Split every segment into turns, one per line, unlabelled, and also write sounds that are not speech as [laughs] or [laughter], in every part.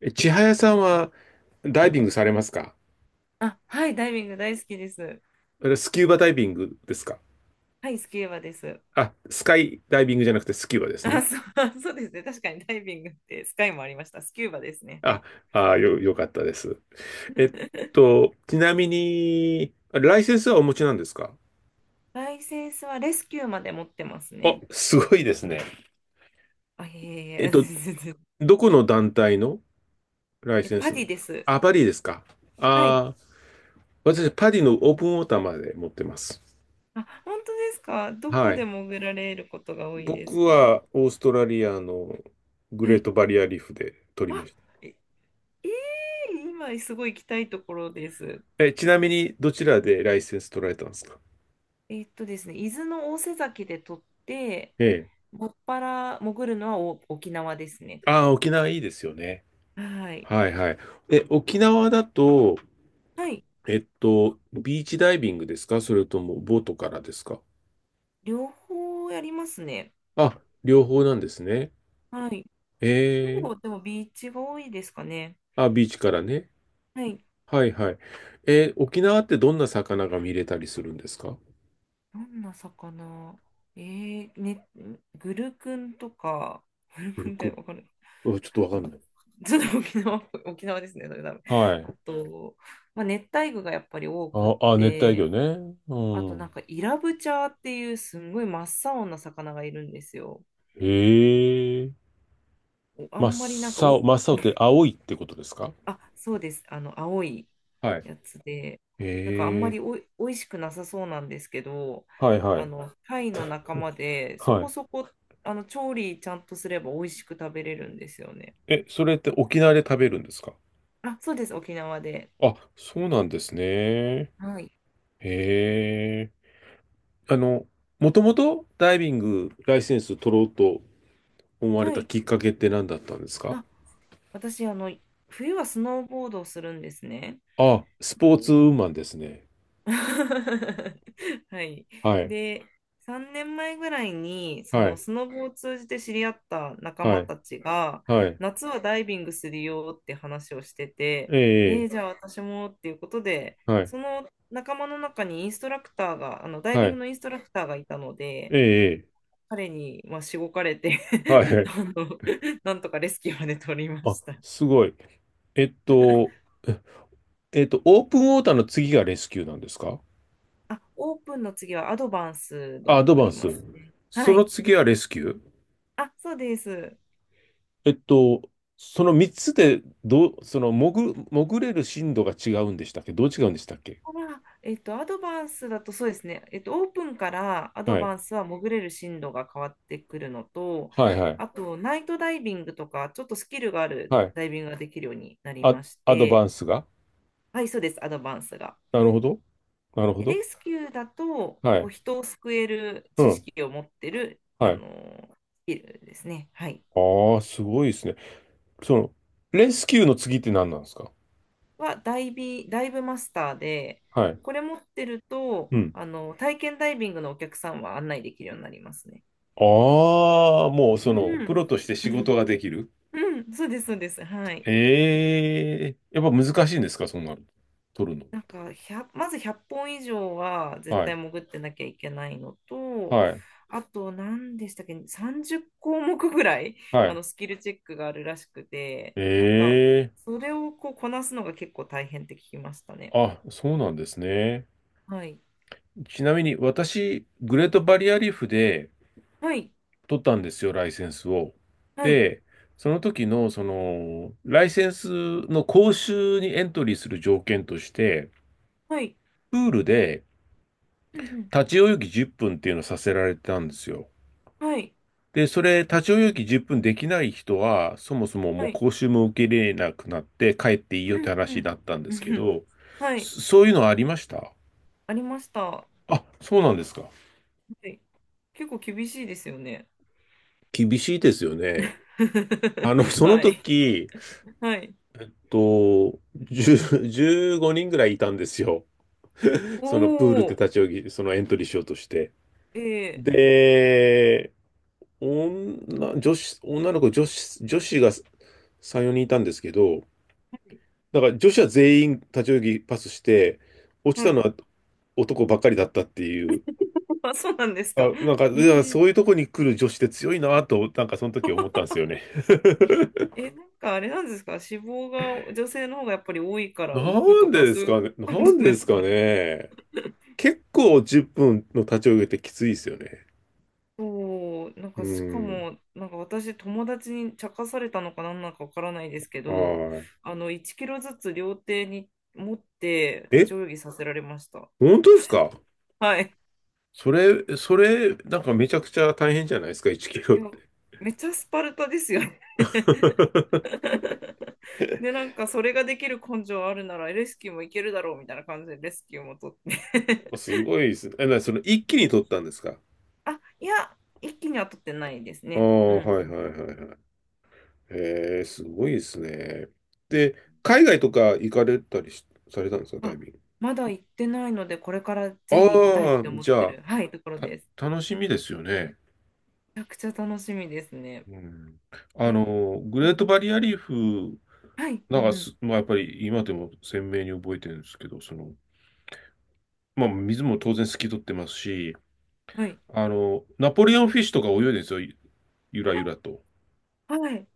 え、千早さんはダイビングされますか？
あ、はい、ダイビング大好きです。
あれスキューバダイビングですか？
はい、スキューバです。
あ、スカイダイビングじゃなくてスキューバです
あ、
ね。
そう、[laughs] そうですね。確かにダイビングってスカイもありました。スキューバですね。は
あ、
い。
よかったです。えっ
[laughs]
ちなみに、ライセンスはお持ちなんですか？
ライセンスはレスキューまで持ってます
あ、
ね。
すごいですね。
あ、いえい
えっ
え、
と、
全然。 [laughs]
どこの団体のライセン
パ
スな
デ
ん
ィ
です
で
か？
す。
あ、パリですか？
はい。
あー。私、パリのオープンウォーターまで持ってます。
あ、本当ですか？ど
は
こで
い。
潜られることが多いです
僕
か？
はオーストラリアのグ
は
レー
い。
トバリアリーフで取りま
あ、
した。
え、今すごい行きたいところです。
え、ちなみに、どちらでライセンス取られたんですか？
ですね、伊豆の大瀬崎で撮って、
ええ。
もっぱら潜るのはお沖縄ですね。
ああ、沖縄いいですよね。
はい。
はいはい。え、沖縄だと、
はい。
ビーチダイビングですか？それともボートからですか？
両方やりますね。
あ、両方なんですね。
はい。ほ
ええ。
ぼ、でもビーチが多いですかね。
あ、ビーチからね。
はい。
はいはい。え、沖縄ってどんな魚が見れたりするんですか？
どんな魚？ね、グルクンとか、グルク
古
ンっ
く、
てわかる？
あ、ちょっとわかんない。
ちょっと沖縄ですね、それ多分。
は
あ
い。
と、まあ、熱帯魚がやっぱり多くっ
熱帯魚
て、
ね。う
あとなん
ん。
かイラブチャーっていうすんごい真っ青な魚がいるんですよ。
へえ。
おあ
真
んまりなんか
っ
お、
真っ青っ
[laughs]
て青いってことですか？
あ、そうです。青い
はい。
やつで、
へ
なんかあんま
え。
りおいしくなさそうなんですけど、
はいはい。
貝の仲間で、そ
は
こ
い。
そこ、調理ちゃんとすれば美味しく食べれるんですよね。
え、それって沖縄で食べるんですか？
あ、そうです。沖縄で。
あ、そうなんですね。へ
はい。
え。あの、もともとダイビングライセンス取ろうと思われ
は
た
い。
きっかけって何だったんですか？
あ、私、冬はスノーボードをするんですね。
あ、スポーツウーマンですね。
[laughs] はい。
はい、
で、3年前ぐらいに、そ
は
の
い、
スノボを通じて知り合った仲
は
間
い、
たちが、
はい。
夏はダイビングするよって話をしてて、
ええ、
じゃあ私もっていうことで、
はい、
その仲間の中にインストラクターが、ダイ
は
ビング
い、
のインストラクターがいたので、
ええ、
彼に、まあ、しごかれて。
は
[laughs]
い。
あの、なんとかレスキューまで取りま
あ、
した。
すごい。えっと、オープンウォーターの次がレスキューなんですか？
あ、オープンの次はアドバンスド
ア
に
ド
な
バン
り
ス。
ますね。
そ
は
の
い。
次はレスキュー？
あ、そうです。
えっと、その3つで、その潜れる深度が違うんでしたっけ？どう違うんでしたっけ？
あ、アドバンスだとそうですね、オープンからアド
はい。
バンスは潜れる進路が変わってくるのと、
はいはい。
あと、ナイトダイビングとか、ちょっとスキルがある
はい。
ダイビングができるようになり
あ、
まし
アドバ
て、
ンスが？
はい、そうです、アドバンスが。
なるほど。なるほ
で、
ど。
レスキューだと、
は
こう
い。
人を救える
う
知
ん。
識を持ってる、
はい。
スキルですね、はい、
ああ、すごいですね。その、レスキューの次って何なんですか？
はダイビ、ダイブマスターで、
はい。
これ持ってると、
うん。
体験ダイビングのお客さんは案内できるようになりますね。
ああ、もうそ
う
の、プ
ん、
ロとして
う
仕事
ん、
ができる。
うん、そうです、そうです。はい。
ええ、やっぱ難しいんですか、そんなの。取る
なんか、1、まず100本以上は
の。
絶
は
対
い。
潜ってなきゃいけないのと、
はい。
あと、何でしたっけ、30項目ぐらい、
はい。
スキルチェックがあるらしくて、なんか、
ええ。
それをこうこなすのが結構大変って聞きましたね。
あ、そうなんですね。
はい。
ちなみに私、グレートバリアリーフで
はい。
取ったんですよ、ライセンスを。
はい。
で、その時の、その、ライセンスの講習にエントリーする条件として、
はい。
プールで
うん
立ち泳ぎ10分っぷんっていうのをさせられてたんですよ。
うん。はい。
で、それ、立ち泳ぎ10分できない人は、そもそも
は
もう
い。
講習も受け入れなくなって帰っていいよ
う
っ
ん
て
う
話
ん。
だったんで
う
す
ん
け
うん、
ど、
はい。
そういうのはありました？
ありました。は
あ、そうなんですか。
い。結構厳しいですよね。
厳しいですよね。
[laughs]
その
はい。
時、
はい。
と、10 15人ぐらいいたんですよ。
お
そのプールって
お、
立ち泳ぎ、そのエントリーしようとして。
ええ、
で、女、女子、女の子、女子、女子が3、4人いたんですけど、
はい。
だから女子は全員立ち泳ぎパスして、落ち
は
たの
い。
は男ばっかりだったっていう。
[laughs] あ、そうなんですか。
あ、なんか、いや
え
そういうとこに来る女子って強いなと、なんかその時思ったんですよね。
ええ、なんかあれなんですか？脂肪が女性の方がやっぱり多いか
[laughs] な
ら浮く
ん
と
で
か
で
そう
す
いう
かね、
こ
なん
と
でで
で
す
す
か
かね。
ね。結構10分の立ち上げってきついですよね。
そう、なん
う
かしか
ん。
も、なんか私友達に茶化されたのかなんなのかわからないですけど、
は
1キロずつ両手に持って
い。
立
え、
ち泳ぎさせられました。
本当ですか？
はい。
それ、それ、なんかめちゃくちゃ大変じゃないですか、1キ
い
ロっ
や、
て。
めっちゃスパルタですよね。
[laughs]
[laughs] で、なんかそれができる根性あるならレスキューもいけるだろうみたいな感じでレスキューも取って。
すごいですね。え、その一気に取ったんですか？
[laughs] あ、いや、一気には取ってないです
あ
ね。
あ、
う
はい
ん。
はいはいはい。へえ、すごいですね。で、海外とか行かれたりしされたんですか、ダイ
あ、
ビング。
まだ行ってないので、これからぜひ行きたいっ
ああ、
て思っ
じ
て
ゃあ、
る、はい、ところです。
楽しみですよね。
めちゃくちゃ楽しみですね。
うん。あ
え、
の、グ
う
レート
ん、
バリアリーフ
はい、う
なん
ん、
か
うん、
す、まあ、やっぱり今でも鮮明に覚えてるんですけど、その、まあ、水も当然透き通ってますし、
はい、
あの、ナポレオンフィッシュとか泳いでるんですよ、ゆらゆらと。
はい、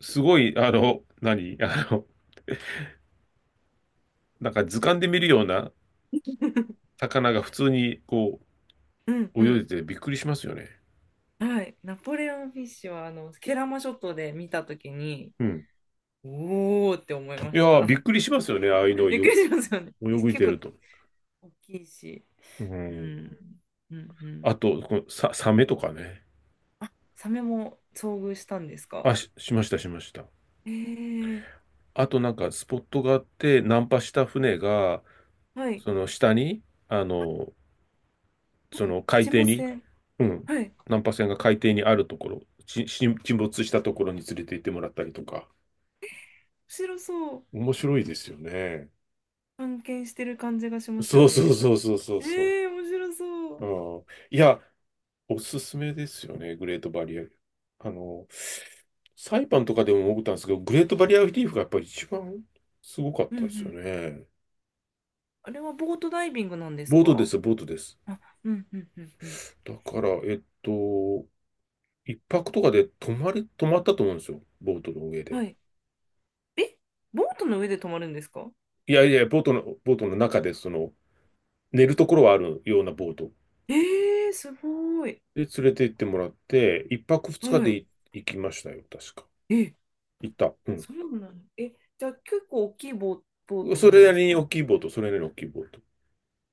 すごい、あの、何あの、なんか図鑑で見るような魚が普通に
うん、う
泳い
ん、
でてびっくりしますよね。
はい。ナポレオンフィッシュは、ケラマ諸島で見たときに、
うん。
おーって思いま
いや
し
ー、
た。
びっくりしますよね、ああいうの
[laughs]
を
びっく
よ、
りしますよね。
泳い
結
で
構
ると。
大きいし。
う
う
ん。
ん。うんうん。
あと、このサメとかね。
サメも遭遇したんですか？
あ、しました、しました。
えー、
あとなんかスポットがあって、ナンパした船が、
はい。
その下に、あの、その海
沈
底
没
に、
船。
うん、
はい。
難破船が海底にあるところ、沈没したところに連れて行ってもらったりとか、
白そう。
面白いですよね。
探検してる感じがします
そ
よ
うそう
ね。
そうそうそうそ
面白そ
う。
う。
うん、いや、おすすめですよね、グレートバリア。あの、サイパンとかでも思ったんですけど、グレートバリアリーフがやっぱり一番すごかっ
うんう
たですよ
ん。
ね。
あれはボートダイビングなんです
ボートで
か？
す、ボートです。
あ、うんうんうんうん。
だから、一泊とかで泊まったと思うんですよ、ボートの上
は
で。
い。え、ボートの上で泊まるんですか？
いやいや、ボートの中で、その、寝るところはあるようなボート
えすごい。
で連れて行ってもらって、一泊二日
は
で
い。
行きましたよ、確か。
え、
行った。うん。
そうなの。え、じゃあ結構大きいボート
そ
なん
れな
です
りに
か？
大きいボート、それなりに大きいボート。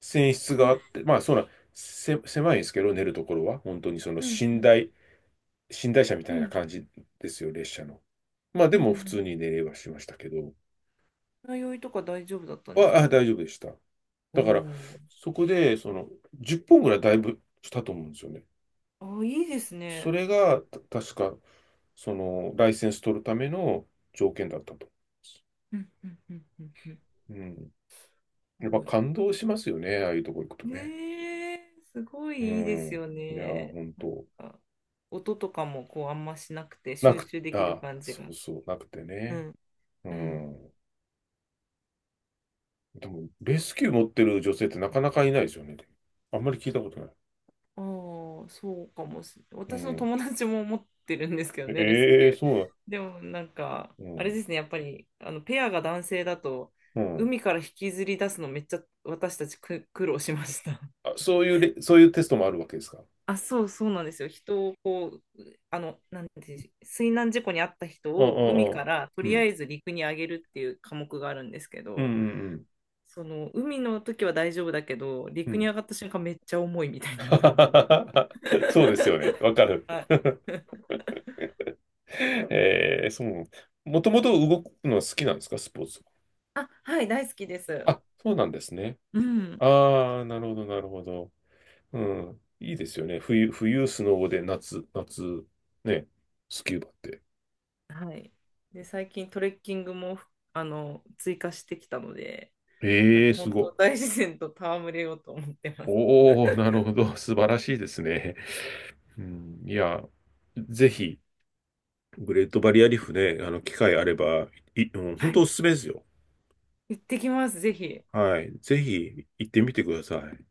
船室
う
があ
ん
って、まあ、そうな、せ、狭いんですけど、寝るところは。本当にその
うん。うん
寝台車みた
う
いな
ん
感じですよ、列車の。まあ、で
うんう
も普通
ん。
に寝れはしましたけど、
船いとか大丈夫だった
あ、
んですか？
大丈夫でした。
お
だから、
お
そこで、その、10本ぐらいだいぶしたと思うんですよね。
ー。あ、いいです
そ
ね。
れが、確か、その、ライセンス取るための条件だったと。
うんうんうんうんうん。す
うん。やっぱ
ごい。
感動しますよね、ああいうとこ行くとね。
ねえ、すご
う
いいいです
ん。
よ
いや、
ね。
本
なん
当
か、音とかもこうあんましなくて
な
集
く、
中できる
あ、
感じ
そ
が。
うそう、なくて
う
ね。
ん、
う
うん。
ん。でも、レスキュー持ってる女性ってなかなかいないですよね。あんまり聞いたことない。
ああ、そうかもしれない。
う
私の
ん。
友達も持ってるんですけどね、レスキ
ええ、
ュー。
そう
でもなんか、
な
あれ
の、
ですね、やっぱり、ペアが男性だと、
うん。うん。
海から引きずり出すのめっちゃ私たち苦労しました。
あ、そういうレ、そういうテストもあるわけですか。
あ、そうそうなんですよ。人をこう、なんて、水難事故に遭った人
うん
を
う
海か
ん
らと
うん。
り
う
あ
ん。
えず陸に上げるっていう科目があるんですけ
うんう
ど、
んうん。
その海の時は大丈夫だけど、
う
陸に
ん。
上がった瞬間めっちゃ重いみたいな感じで。
[laughs] そうですよね。わか
[laughs]
る。
はい。
[laughs]
[laughs]
そう。もともと動くのは好きなんですか、スポーツ。
あ、はい、大好きです。
あ、そうなんですね。
うん。
ああ、なるほど、なるほど。うん。いいですよね。冬、スノボで夏、ね、スキューバって。
はい。で、最近トレッキングも、追加してきたので、なん
ええ
か
ー、す
本
ご
当大
い。
自然と戯れようと思ってます。
おお、なる
[laughs]
ほど。素晴らしいですね。うん、いや、ぜひ、グレートバリアリーフね、機会あれば、うん、本
は
当お
い。
すすめですよ。
行ってきます、ぜひ。
はい。ぜひ、行ってみてください。